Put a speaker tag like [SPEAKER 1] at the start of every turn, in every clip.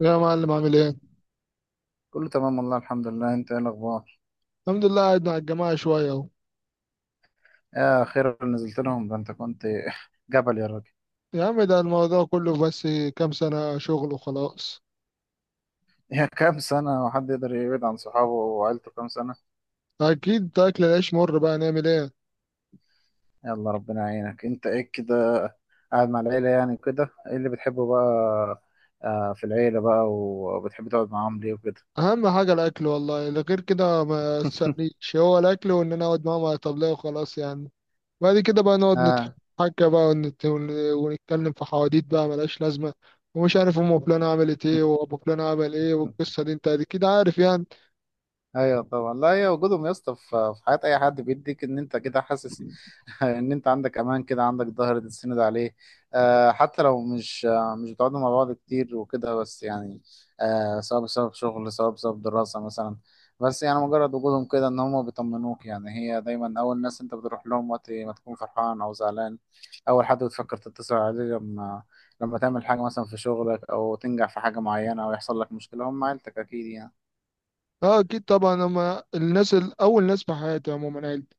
[SPEAKER 1] يا معلم عامل ايه؟
[SPEAKER 2] كله تمام والله، الحمد لله. انت ايه الاخبار؟
[SPEAKER 1] الحمد لله، قاعد مع الجماعة شوية اهو.
[SPEAKER 2] يا خير نزلت لهم. ده انت كنت جبل يا راجل!
[SPEAKER 1] يا عم ده الموضوع كله، بس كام سنة شغل وخلاص.
[SPEAKER 2] يا كام سنة! وحد يقدر يبعد عن صحابه وعيلته كام سنة؟
[SPEAKER 1] أكيد أكل العيش مر، بقى نعمل ايه؟
[SPEAKER 2] يلا، ربنا يعينك. انت ايه كده، قاعد مع العيلة، يعني كده ايه اللي بتحبه بقى؟ في العيلة بقى، وبتحب تقعد معاهم ليه وكده؟
[SPEAKER 1] أهم حاجة الأكل والله، اللي غير كده ما تسألنيش، هو الأكل وإن أنا أقعد معاهم على طبلية وخلاص يعني. بعد كده بقى نقعد
[SPEAKER 2] اه،
[SPEAKER 1] نتحكى بقى ونتكلم في حواديت بقى ملهاش لازمة، ومش عارف أم فلانة عملت ايه وأبو فلان عمل ايه، والقصة دي أنت أكيد عارف يعني.
[SPEAKER 2] ايوه طبعا. لا، هي وجودهم يا اسطى في حياه اي حد بيديك ان انت كده حاسس ان انت عندك امان كده، عندك ظهر تتسند عليه. آه، حتى لو مش بتقعدوا مع بعض كتير وكده، بس يعني سواء بسبب شغل سواء بسبب دراسه مثلا. بس يعني مجرد وجودهم كده، ان هم بيطمنوك. يعني هي دايما اول ناس انت بتروح لهم وقت ما تكون فرحان او زعلان. اول حد بتفكر تتصل عليه لما تعمل حاجه مثلا في شغلك، او تنجح في حاجه معينه، او يحصل لك مشكله. هم عيلتك اكيد يعني.
[SPEAKER 1] اه أكيد طبعا، هما الناس أول ناس في حياتي عموما، عيلتي.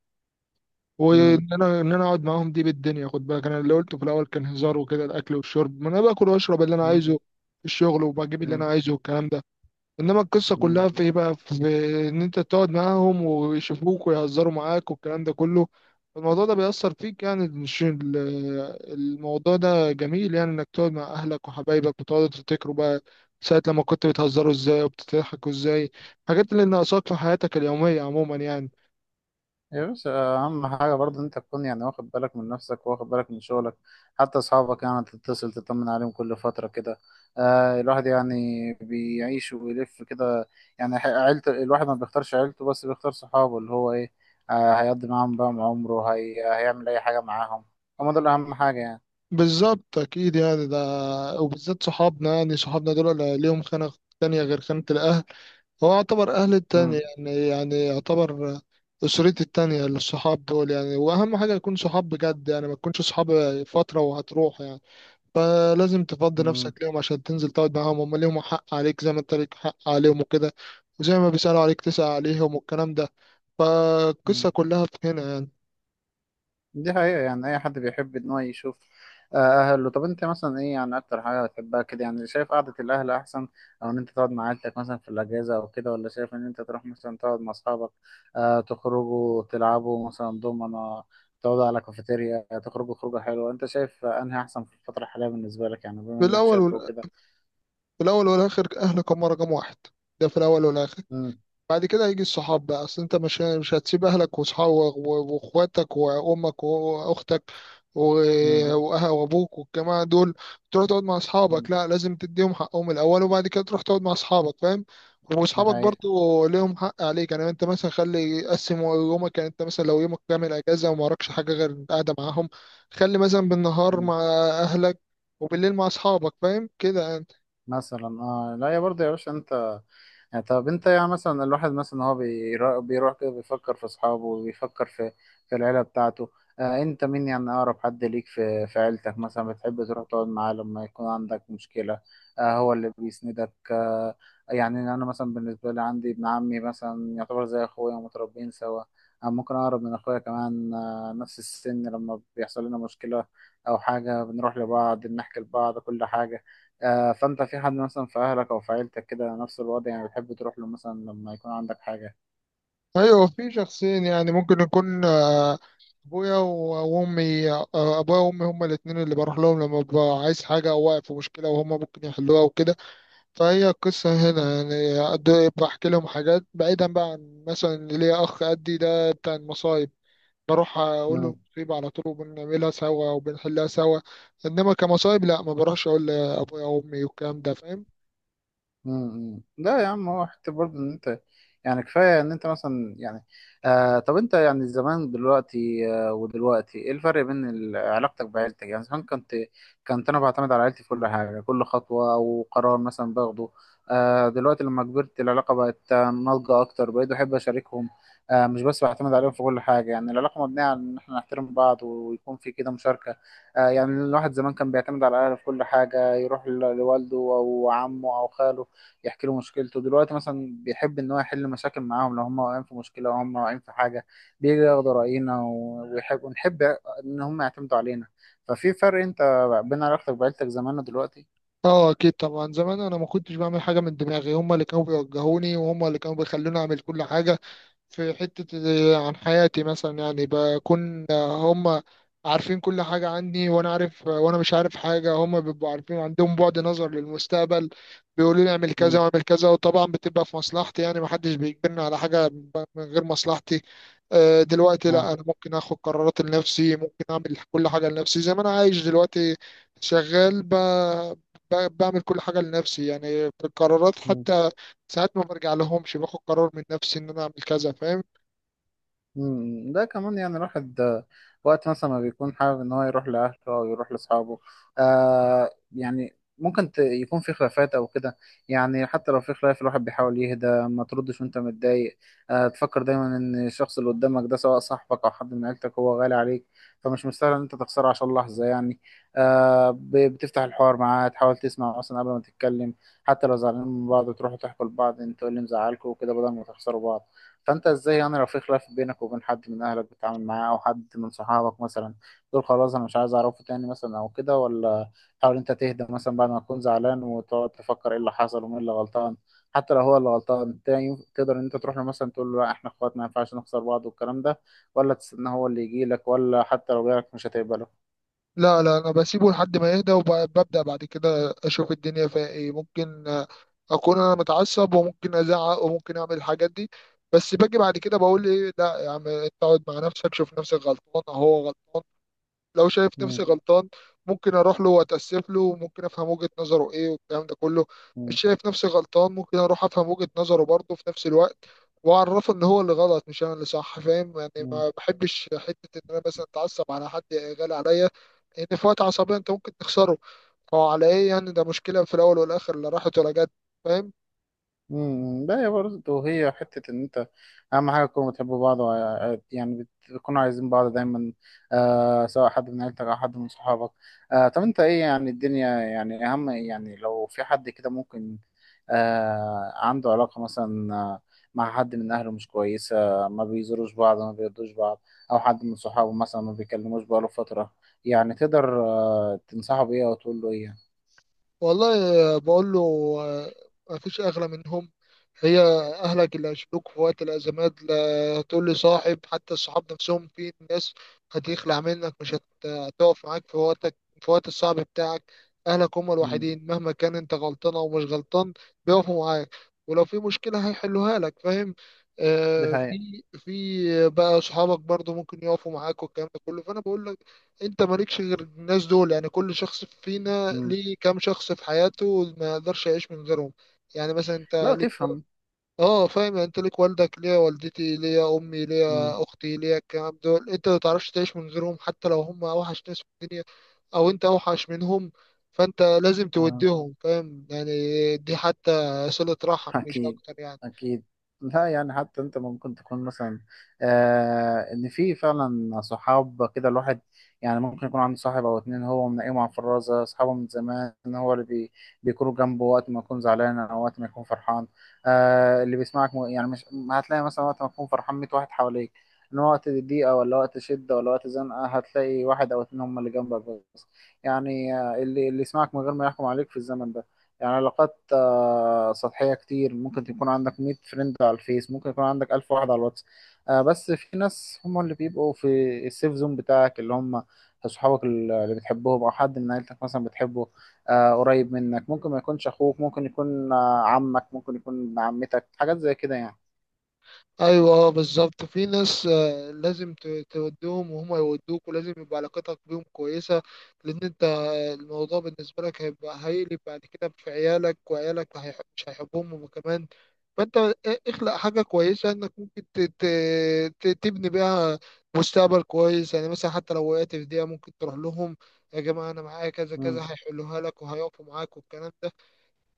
[SPEAKER 1] وان انا اقعد معاهم دي بالدنيا، خد بالك انا اللي قلته في الاول كان هزار وكده، الاكل والشرب ما انا باكل واشرب اللي انا
[SPEAKER 2] امم.
[SPEAKER 1] عايزه في الشغل وبجيب اللي انا
[SPEAKER 2] مم.
[SPEAKER 1] عايزه والكلام ده. انما القصه
[SPEAKER 2] مم.
[SPEAKER 1] كلها في ايه بقى؟ في ان انت تقعد معاهم ويشوفوك ويهزروا معاك والكلام ده كله. الموضوع ده بيأثر فيك يعني، مش ال- الموضوع ده جميل يعني، انك تقعد مع اهلك وحبايبك وتقعدوا تفتكروا بقى ساعة لما كنت بتهزروا ازاي وبتضحكوا ازاي، الحاجات اللي ناقصاك في حياتك اليومية عموما يعني.
[SPEAKER 2] يا باشا، أهم حاجة برضه إن أنت تكون يعني واخد بالك من نفسك، واخد بالك من شغلك، حتى أصحابك، يعني تتصل تطمن عليهم كل فترة كده. الواحد يعني بيعيش وبيلف كده. يعني عيلته، الواحد ما بيختارش عيلته، بس بيختار صحابه اللي هو إيه. هيقضي معاهم بقى عمره، هيعمل أي حاجة معاهم. هما دول أهم حاجة يعني.
[SPEAKER 1] بالظبط اكيد يعني، ده وبالذات صحابنا، يعني صحابنا دول ليهم خانة تانية غير خانة الاهل. هو يعتبر اهل التاني،
[SPEAKER 2] مم.
[SPEAKER 1] يعني يعتبر اسرتي التانية للصحاب دول يعني. واهم حاجة يكون صحاب بجد يعني، ما تكونش صحاب فترة وهتروح يعني. فلازم تفضي نفسك ليهم عشان تنزل تقعد معاهم، هم ليهم حق عليك زي ما انت ليك حق عليهم وكده، وزي ما بيسألوا عليك تسأل عليهم والكلام ده،
[SPEAKER 2] مم.
[SPEAKER 1] فالقصة كلها في هنا يعني.
[SPEAKER 2] دي حقيقة. يعني أي حد بيحب إن هو يشوف أهله. طب أنت مثلا إيه يعني أكتر حاجة بتحبها كده؟ يعني شايف قعدة الأهل أحسن، أو إن أنت تقعد مع عيلتك مثلا في الأجازة أو كده، ولا شايف إن أنت تروح مثلا تقعد مع أصحابك، تخرجوا تلعبوا مثلا دومنة، تقعدوا على كافيتيريا، تخرجوا خروجة حلوة؟ أنت شايف أنهي أحسن في الفترة الحالية بالنسبة لك، يعني بما
[SPEAKER 1] في
[SPEAKER 2] إنك
[SPEAKER 1] الأول
[SPEAKER 2] شاب
[SPEAKER 1] وال-
[SPEAKER 2] وكده؟
[SPEAKER 1] في الأول والآخر أهلك هم رقم واحد، ده في الأول والآخر.
[SPEAKER 2] مم.
[SPEAKER 1] بعد كده هيجي الصحاب بقى، اصل انت مش هتسيب اهلك وصحابك واخواتك وامك واختك و-
[SPEAKER 2] مم.
[SPEAKER 1] وابوك والجماعه دول تروح تقعد مع
[SPEAKER 2] مم.
[SPEAKER 1] اصحابك، لا لازم تديهم حقهم الاول وبعد كده تروح تقعد مع اصحابك، فاهم.
[SPEAKER 2] دي
[SPEAKER 1] واصحابك
[SPEAKER 2] حقيقة.
[SPEAKER 1] برضو ليهم حق عليك، يعني انت مثلا خلي قسم يومك، يعني انت مثلا لو يومك كامل اجازه وما وراكش حاجه غير قاعده معاهم، خلي مثلا بالنهار
[SPEAKER 2] مم.
[SPEAKER 1] مع اهلك وبالليل مع اصحابك، فاهم كده.
[SPEAKER 2] مثلا اه، لا، يا برضه يا باشا انت، يعني طب انت يعني مثلا الواحد مثلا هو بيروح كده، بيفكر في اصحابه وبيفكر في العيله بتاعته. انت مين يعني؟ اقرب حد ليك في عيلتك مثلا، بتحب تروح تقعد معاه لما يكون عندك مشكله، هو اللي بيسندك. يعني انا مثلا بالنسبه لي عندي ابن عمي مثلا يعتبر زي اخويا، ومتربيين سوا، ممكن اقرب من اخويا كمان. نفس السن. لما بيحصل لنا مشكله او حاجه، بنروح لبعض، بنحكي لبعض كل حاجه. فانت في حد مثلا في اهلك او في عيلتك كده نفس الوضع، يعني بتحب تروح له مثلا لما يكون عندك حاجة؟
[SPEAKER 1] ايوه في شخصين، يعني ممكن يكون ابويا وامي، ابويا وامي هما الاثنين اللي بروح لهم لما ببقى عايز حاجه او واقف في مشكله وهما ممكن يحلوها وكده. فهي القصه هنا يعني، بحكي لهم حاجات بعيدا بقى عن مثلا اللي ليا، اخ قدي ده بتاع المصايب، بروح اقول له المصيبه على طول وبنعملها سوا وبنحلها سوا، انما كمصايب لا ما بروحش اقول لابويا وامي والكلام ده، فاهم.
[SPEAKER 2] امم. لا يا عم، هو حتى برضه ان انت يعني كفايه ان انت مثلا يعني. طب انت يعني زمان دلوقتي، ودلوقتي ايه الفرق بين علاقتك بعيلتك يعني؟ زمان كنت انا بعتمد على عيلتي في كل حاجه، كل خطوه او قرار مثلا باخده. دلوقتي لما كبرت العلاقه بقت ناضجه اكتر، بقيت بحب اشاركهم. مش بس بعتمد عليهم في كل حاجه. يعني العلاقه مبنيه على ان احنا نحترم بعض، ويكون في كده مشاركه. يعني الواحد زمان كان بيعتمد على اهله في كل حاجه، يروح لوالده او عمه او خاله، يحكي له مشكلته. دلوقتي مثلا بيحب ان هو يحل مشاكل معاهم، لو هم واقعين في مشكله او هم واقعين في حاجه، بيجي ياخد راينا ويحب، ونحب ان هم يعتمدوا علينا. ففي فرق انت، بين علاقتك بعيلتك زمان ودلوقتي.
[SPEAKER 1] اه اكيد طبعا، زمان انا ما كنتش بعمل حاجه من دماغي، هما اللي كانوا بيوجهوني وهما اللي كانوا بيخلوني اعمل كل حاجه في حتة عن حياتي مثلا، يعني بكون هم عارفين كل حاجة عني، وأنا عارف وأنا مش عارف حاجة، هم بيبقوا عارفين عندهم بعد نظر للمستقبل، بيقولوا لي اعمل كذا
[SPEAKER 2] امم.
[SPEAKER 1] واعمل كذا وطبعا بتبقى في مصلحتي، يعني محدش بيجبرني على حاجة من غير مصلحتي. دلوقتي لا، أنا ممكن آخد قرارات لنفسي، ممكن أعمل كل حاجة لنفسي زي ما أنا عايش دلوقتي شغال بعمل كل حاجة لنفسي يعني، في القرارات
[SPEAKER 2] اه.
[SPEAKER 1] حتى ساعات ما برجع لهمش، باخد قرار من نفسي إن أنا أعمل كذا، فاهم.
[SPEAKER 2] مم. ده كمان يعني الواحد وقت مثلا ما بيكون حابب ان هو يروح لاهله او يروح لاصحابه، يعني ممكن يكون في خلافات او كده. يعني حتى لو في خلاف، الواحد بيحاول يهدى. ما تردش وانت متضايق. تفكر دايما ان الشخص اللي قدامك ده، سواء صاحبك او حد من عيلتك، هو غالي عليك، فمش مستاهل ان انت تخسره عشان لحظة يعني. بتفتح الحوار معاه، تحاول تسمع اصلا قبل ما تتكلم. حتى لو زعلانين من بعض، تروحوا تحكوا لبعض انتوا إيه اللي مزعلكوا وكده، بدل ما تخسروا بعض. فانت ازاي يعني لو في خلاف بينك وبين حد من اهلك بتتعامل معاه، او حد من صحابك مثلا؟ تقول خلاص انا مش عايز اعرفه تاني مثلا او كده، ولا تحاول انت تهدى مثلا بعد ما تكون زعلان، وتقعد تفكر ايه اللي حصل ومين اللي غلطان؟ حتى لو هو اللي غلطان، تاني تقدر ان انت تروح له مثلا تقول له لا احنا اخوات، ما ينفعش نخسر بعض والكلام ده، ولا تستنى هو اللي يجي لك؟ ولا حتى لو جالك مش هتقبله؟
[SPEAKER 1] لا لا، انا بسيبه لحد ما يهدى وببدأ بعد كده اشوف الدنيا فيها ايه، ممكن اكون انا متعصب وممكن ازعق وممكن اعمل الحاجات دي، بس باجي بعد كده بقول ايه، لا يا عم اقعد مع نفسك، شوف نفسك غلطان أو هو غلطان. لو شايف
[SPEAKER 2] مم.
[SPEAKER 1] نفسي غلطان ممكن اروح له واتاسف له وممكن افهم وجهة نظره ايه والكلام ده كله،
[SPEAKER 2] مم.
[SPEAKER 1] مش شايف نفسي غلطان ممكن اروح افهم وجهة نظره برضه في نفس الوقت، واعرفه ان هو اللي غلط مش انا اللي صح، فاهم يعني.
[SPEAKER 2] مم.
[SPEAKER 1] ما بحبش حتة ان انا مثلا اتعصب على حد غالي عليا، لان في وقت عصبية انت ممكن تخسره، فعلى ايه يعني، ده مشكلة في الاول والاخر لا راحت ولا جت، فاهم.
[SPEAKER 2] امم. لا، هي برضه هي حتة إن أنت أهم حاجة تكونوا بتحبوا بعض يعني بتكونوا عايزين بعض دايما، سواء حد من عيلتك أو حد من صحابك. طب أنت إيه يعني؟ الدنيا يعني أهم، يعني لو في حد كده ممكن عنده علاقة مثلا مع حد من أهله مش كويسة، ما بيزوروش بعض، ما بيردوش بعض، أو حد من صحابه مثلا ما بيكلموش بقاله فترة، يعني تقدر تنصحه بإيه أو تقول له إيه؟
[SPEAKER 1] والله، بقول له آه، مفيش أغلى منهم، هي أهلك اللي هيشيلوك في وقت الأزمات، لا تقول لي صاحب، حتى الصحاب نفسهم في ناس هتخلع منك، مش هتقف معاك في وقتك في وقت الصعب بتاعك. أهلك هم
[SPEAKER 2] مم.
[SPEAKER 1] الوحيدين مهما كان أنت غلطان أو مش غلطان، بيقفوا معاك ولو في مشكلة هيحلوها لك، فاهم.
[SPEAKER 2] دي
[SPEAKER 1] آه
[SPEAKER 2] حقيقة.
[SPEAKER 1] في في بقى صحابك برضو ممكن يقفوا معاك والكلام ده كله، فأنا بقول له انت مالكش غير الناس دول، يعني كل شخص فينا
[SPEAKER 2] مم.
[SPEAKER 1] ليه كام شخص في حياته ما يقدرش يعيش من غيرهم. يعني مثلا انت
[SPEAKER 2] لا،
[SPEAKER 1] ليك
[SPEAKER 2] تفهم.
[SPEAKER 1] اه فاهم، يعني انت ليك والدك ليا والدتي ليا امي
[SPEAKER 2] مم.
[SPEAKER 1] ليا اختي ليا، الكلام دول انت ما تعرفش تعيش من غيرهم، حتى لو هم اوحش ناس في الدنيا او انت اوحش منهم، فانت لازم
[SPEAKER 2] آه.
[SPEAKER 1] توديهم، فاهم يعني، دي حتى صلة رحم مش
[SPEAKER 2] أكيد.
[SPEAKER 1] اكتر يعني.
[SPEAKER 2] أكيد. لا يعني حتى أنت ممكن تكون مثلا إن في فعلا صحاب. كده الواحد يعني ممكن يكون عنده صاحب أو اتنين هو منقيهم على الفرازة، أصحابه من زمان، هو اللي بيكونوا جنبه وقت ما يكون زعلان أو وقت ما يكون فرحان، اللي بيسمعك يعني مش هتلاقي مثلا وقت ما تكون فرحان 100 واحد حواليك، إن وقت ضيقة ولا وقت شدة ولا وقت زنقة هتلاقي واحد أو اتنين هم اللي جنبك بس. يعني اللي يسمعك من غير ما يحكم عليك في الزمن ده. يعني علاقات سطحية كتير. ممكن يكون عندك 100 فريند على الفيس، ممكن يكون عندك 1000 واحد على الواتس، بس في ناس هم اللي بيبقوا في السيف زون بتاعك، اللي هم صحابك اللي بتحبهم، أو حد من عيلتك مثلا بتحبه، قريب منك. ممكن ما يكونش أخوك، ممكن يكون عمك، ممكن يكون ابن عمتك، حاجات زي كده يعني.
[SPEAKER 1] ايوه بالظبط، في ناس لازم تودهم وهم يودوك، ولازم يبقى علاقتك بيهم كويسه، لان انت الموضوع بالنسبه لك هيبقى هيقلب بعد كده في عيالك، وعيالك مش هيحبهم هما كمان. فانت اخلق حاجه كويسه انك ممكن تبني بيها مستقبل كويس، يعني مثلا حتى لو وقعت في دقيقه ممكن تروح لهم، يا جماعه انا معايا كذا كذا،
[SPEAKER 2] مم.
[SPEAKER 1] هيحلوها لك وهيقفوا معاك والكلام ده.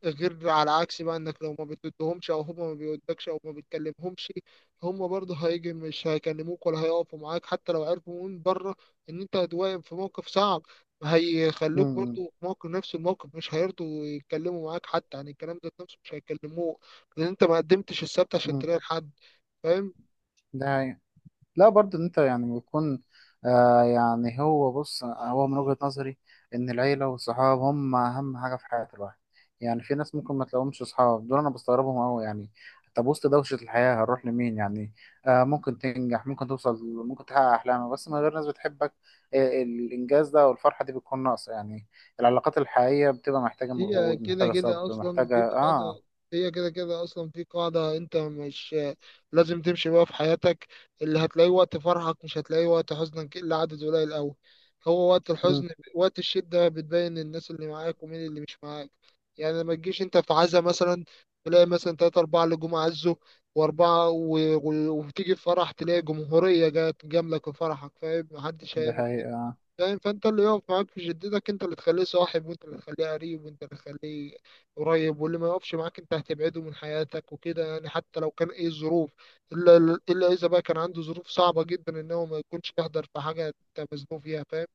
[SPEAKER 1] غير على عكس بقى، انك لو ما بتدهمش او هما ما بيودكش او ما بتكلمهمش، هما برضه هيجي مش هيكلموك ولا هيقفوا معاك، حتى لو عرفوا من بره ان انت هتواجه في موقف صعب هيخلوك برضه
[SPEAKER 2] مم.
[SPEAKER 1] في موقف نفس الموقف، مش هيرضوا يتكلموا معاك حتى، يعني الكلام ده نفسه مش هيكلموه، لان انت ما قدمتش السبت عشان
[SPEAKER 2] مم.
[SPEAKER 1] تلاقي حد، فاهم.
[SPEAKER 2] ده، لا برضه ان انت يعني بيكون يعني هو بص، هو من وجهة نظري ان العيلة والصحاب هم اهم حاجة في حياة الواحد. يعني في ناس ممكن ما تلاقيهمش صحاب دول، انا بستغربهم قوي يعني. طب وسط دوشة الحياة هنروح لمين يعني؟ ممكن تنجح، ممكن توصل، ممكن تحقق احلامك، بس من غير ناس بتحبك، الانجاز ده والفرحة دي بتكون ناقصة يعني. العلاقات الحقيقية بتبقى محتاجة
[SPEAKER 1] هي
[SPEAKER 2] مجهود،
[SPEAKER 1] كده
[SPEAKER 2] محتاجة
[SPEAKER 1] كده
[SPEAKER 2] صبر،
[SPEAKER 1] اصلا
[SPEAKER 2] محتاجة
[SPEAKER 1] في
[SPEAKER 2] اه
[SPEAKER 1] قاعده هي كده كده اصلا في قاعده، انت مش لازم تمشي بقى في حياتك، اللي هتلاقيه وقت فرحك مش هتلاقيه وقت حزنك الا عدد قليل قوي، هو وقت
[SPEAKER 2] مم،
[SPEAKER 1] الحزن وقت الشده بتبين الناس اللي معاك ومين اللي مش معاك. يعني ما تجيش انت في عزا مثلا تلاقي مثلا تلاتة أربعة اللي جم عزوا وأربعة وتيجي في فرح تلاقي جمهورية جت جاملة في فرحك، فاهم، محدش
[SPEAKER 2] ده
[SPEAKER 1] هيعمل،
[SPEAKER 2] حقيقة.
[SPEAKER 1] فاهم. فانت اللي يقف معاك في جدتك انت اللي تخليه صاحب، وانت اللي تخليه قريب، واللي ما يقفش معاك انت هتبعده من حياتك وكده يعني، حتى لو كان ايه الظروف، الا الا اذا بقى كان عنده ظروف صعبة جدا ان هو ما يكونش يحضر في حاجة انت مزنوق فيها، فاهم.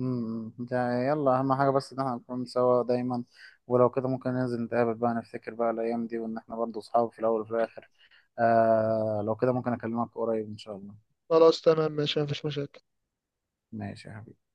[SPEAKER 2] امم، ده يلا اهم حاجه بس ان احنا نكون سوا دايما، ولو كده ممكن ننزل نتقابل بقى، نفتكر بقى الايام دي، وان احنا برضه اصحاب في الاول وفي الاخر. لو كده ممكن اكلمك قريب ان شاء الله.
[SPEAKER 1] خلاص تمام ماشي، مفيش مشاكل.
[SPEAKER 2] ماشي يا حبيبي.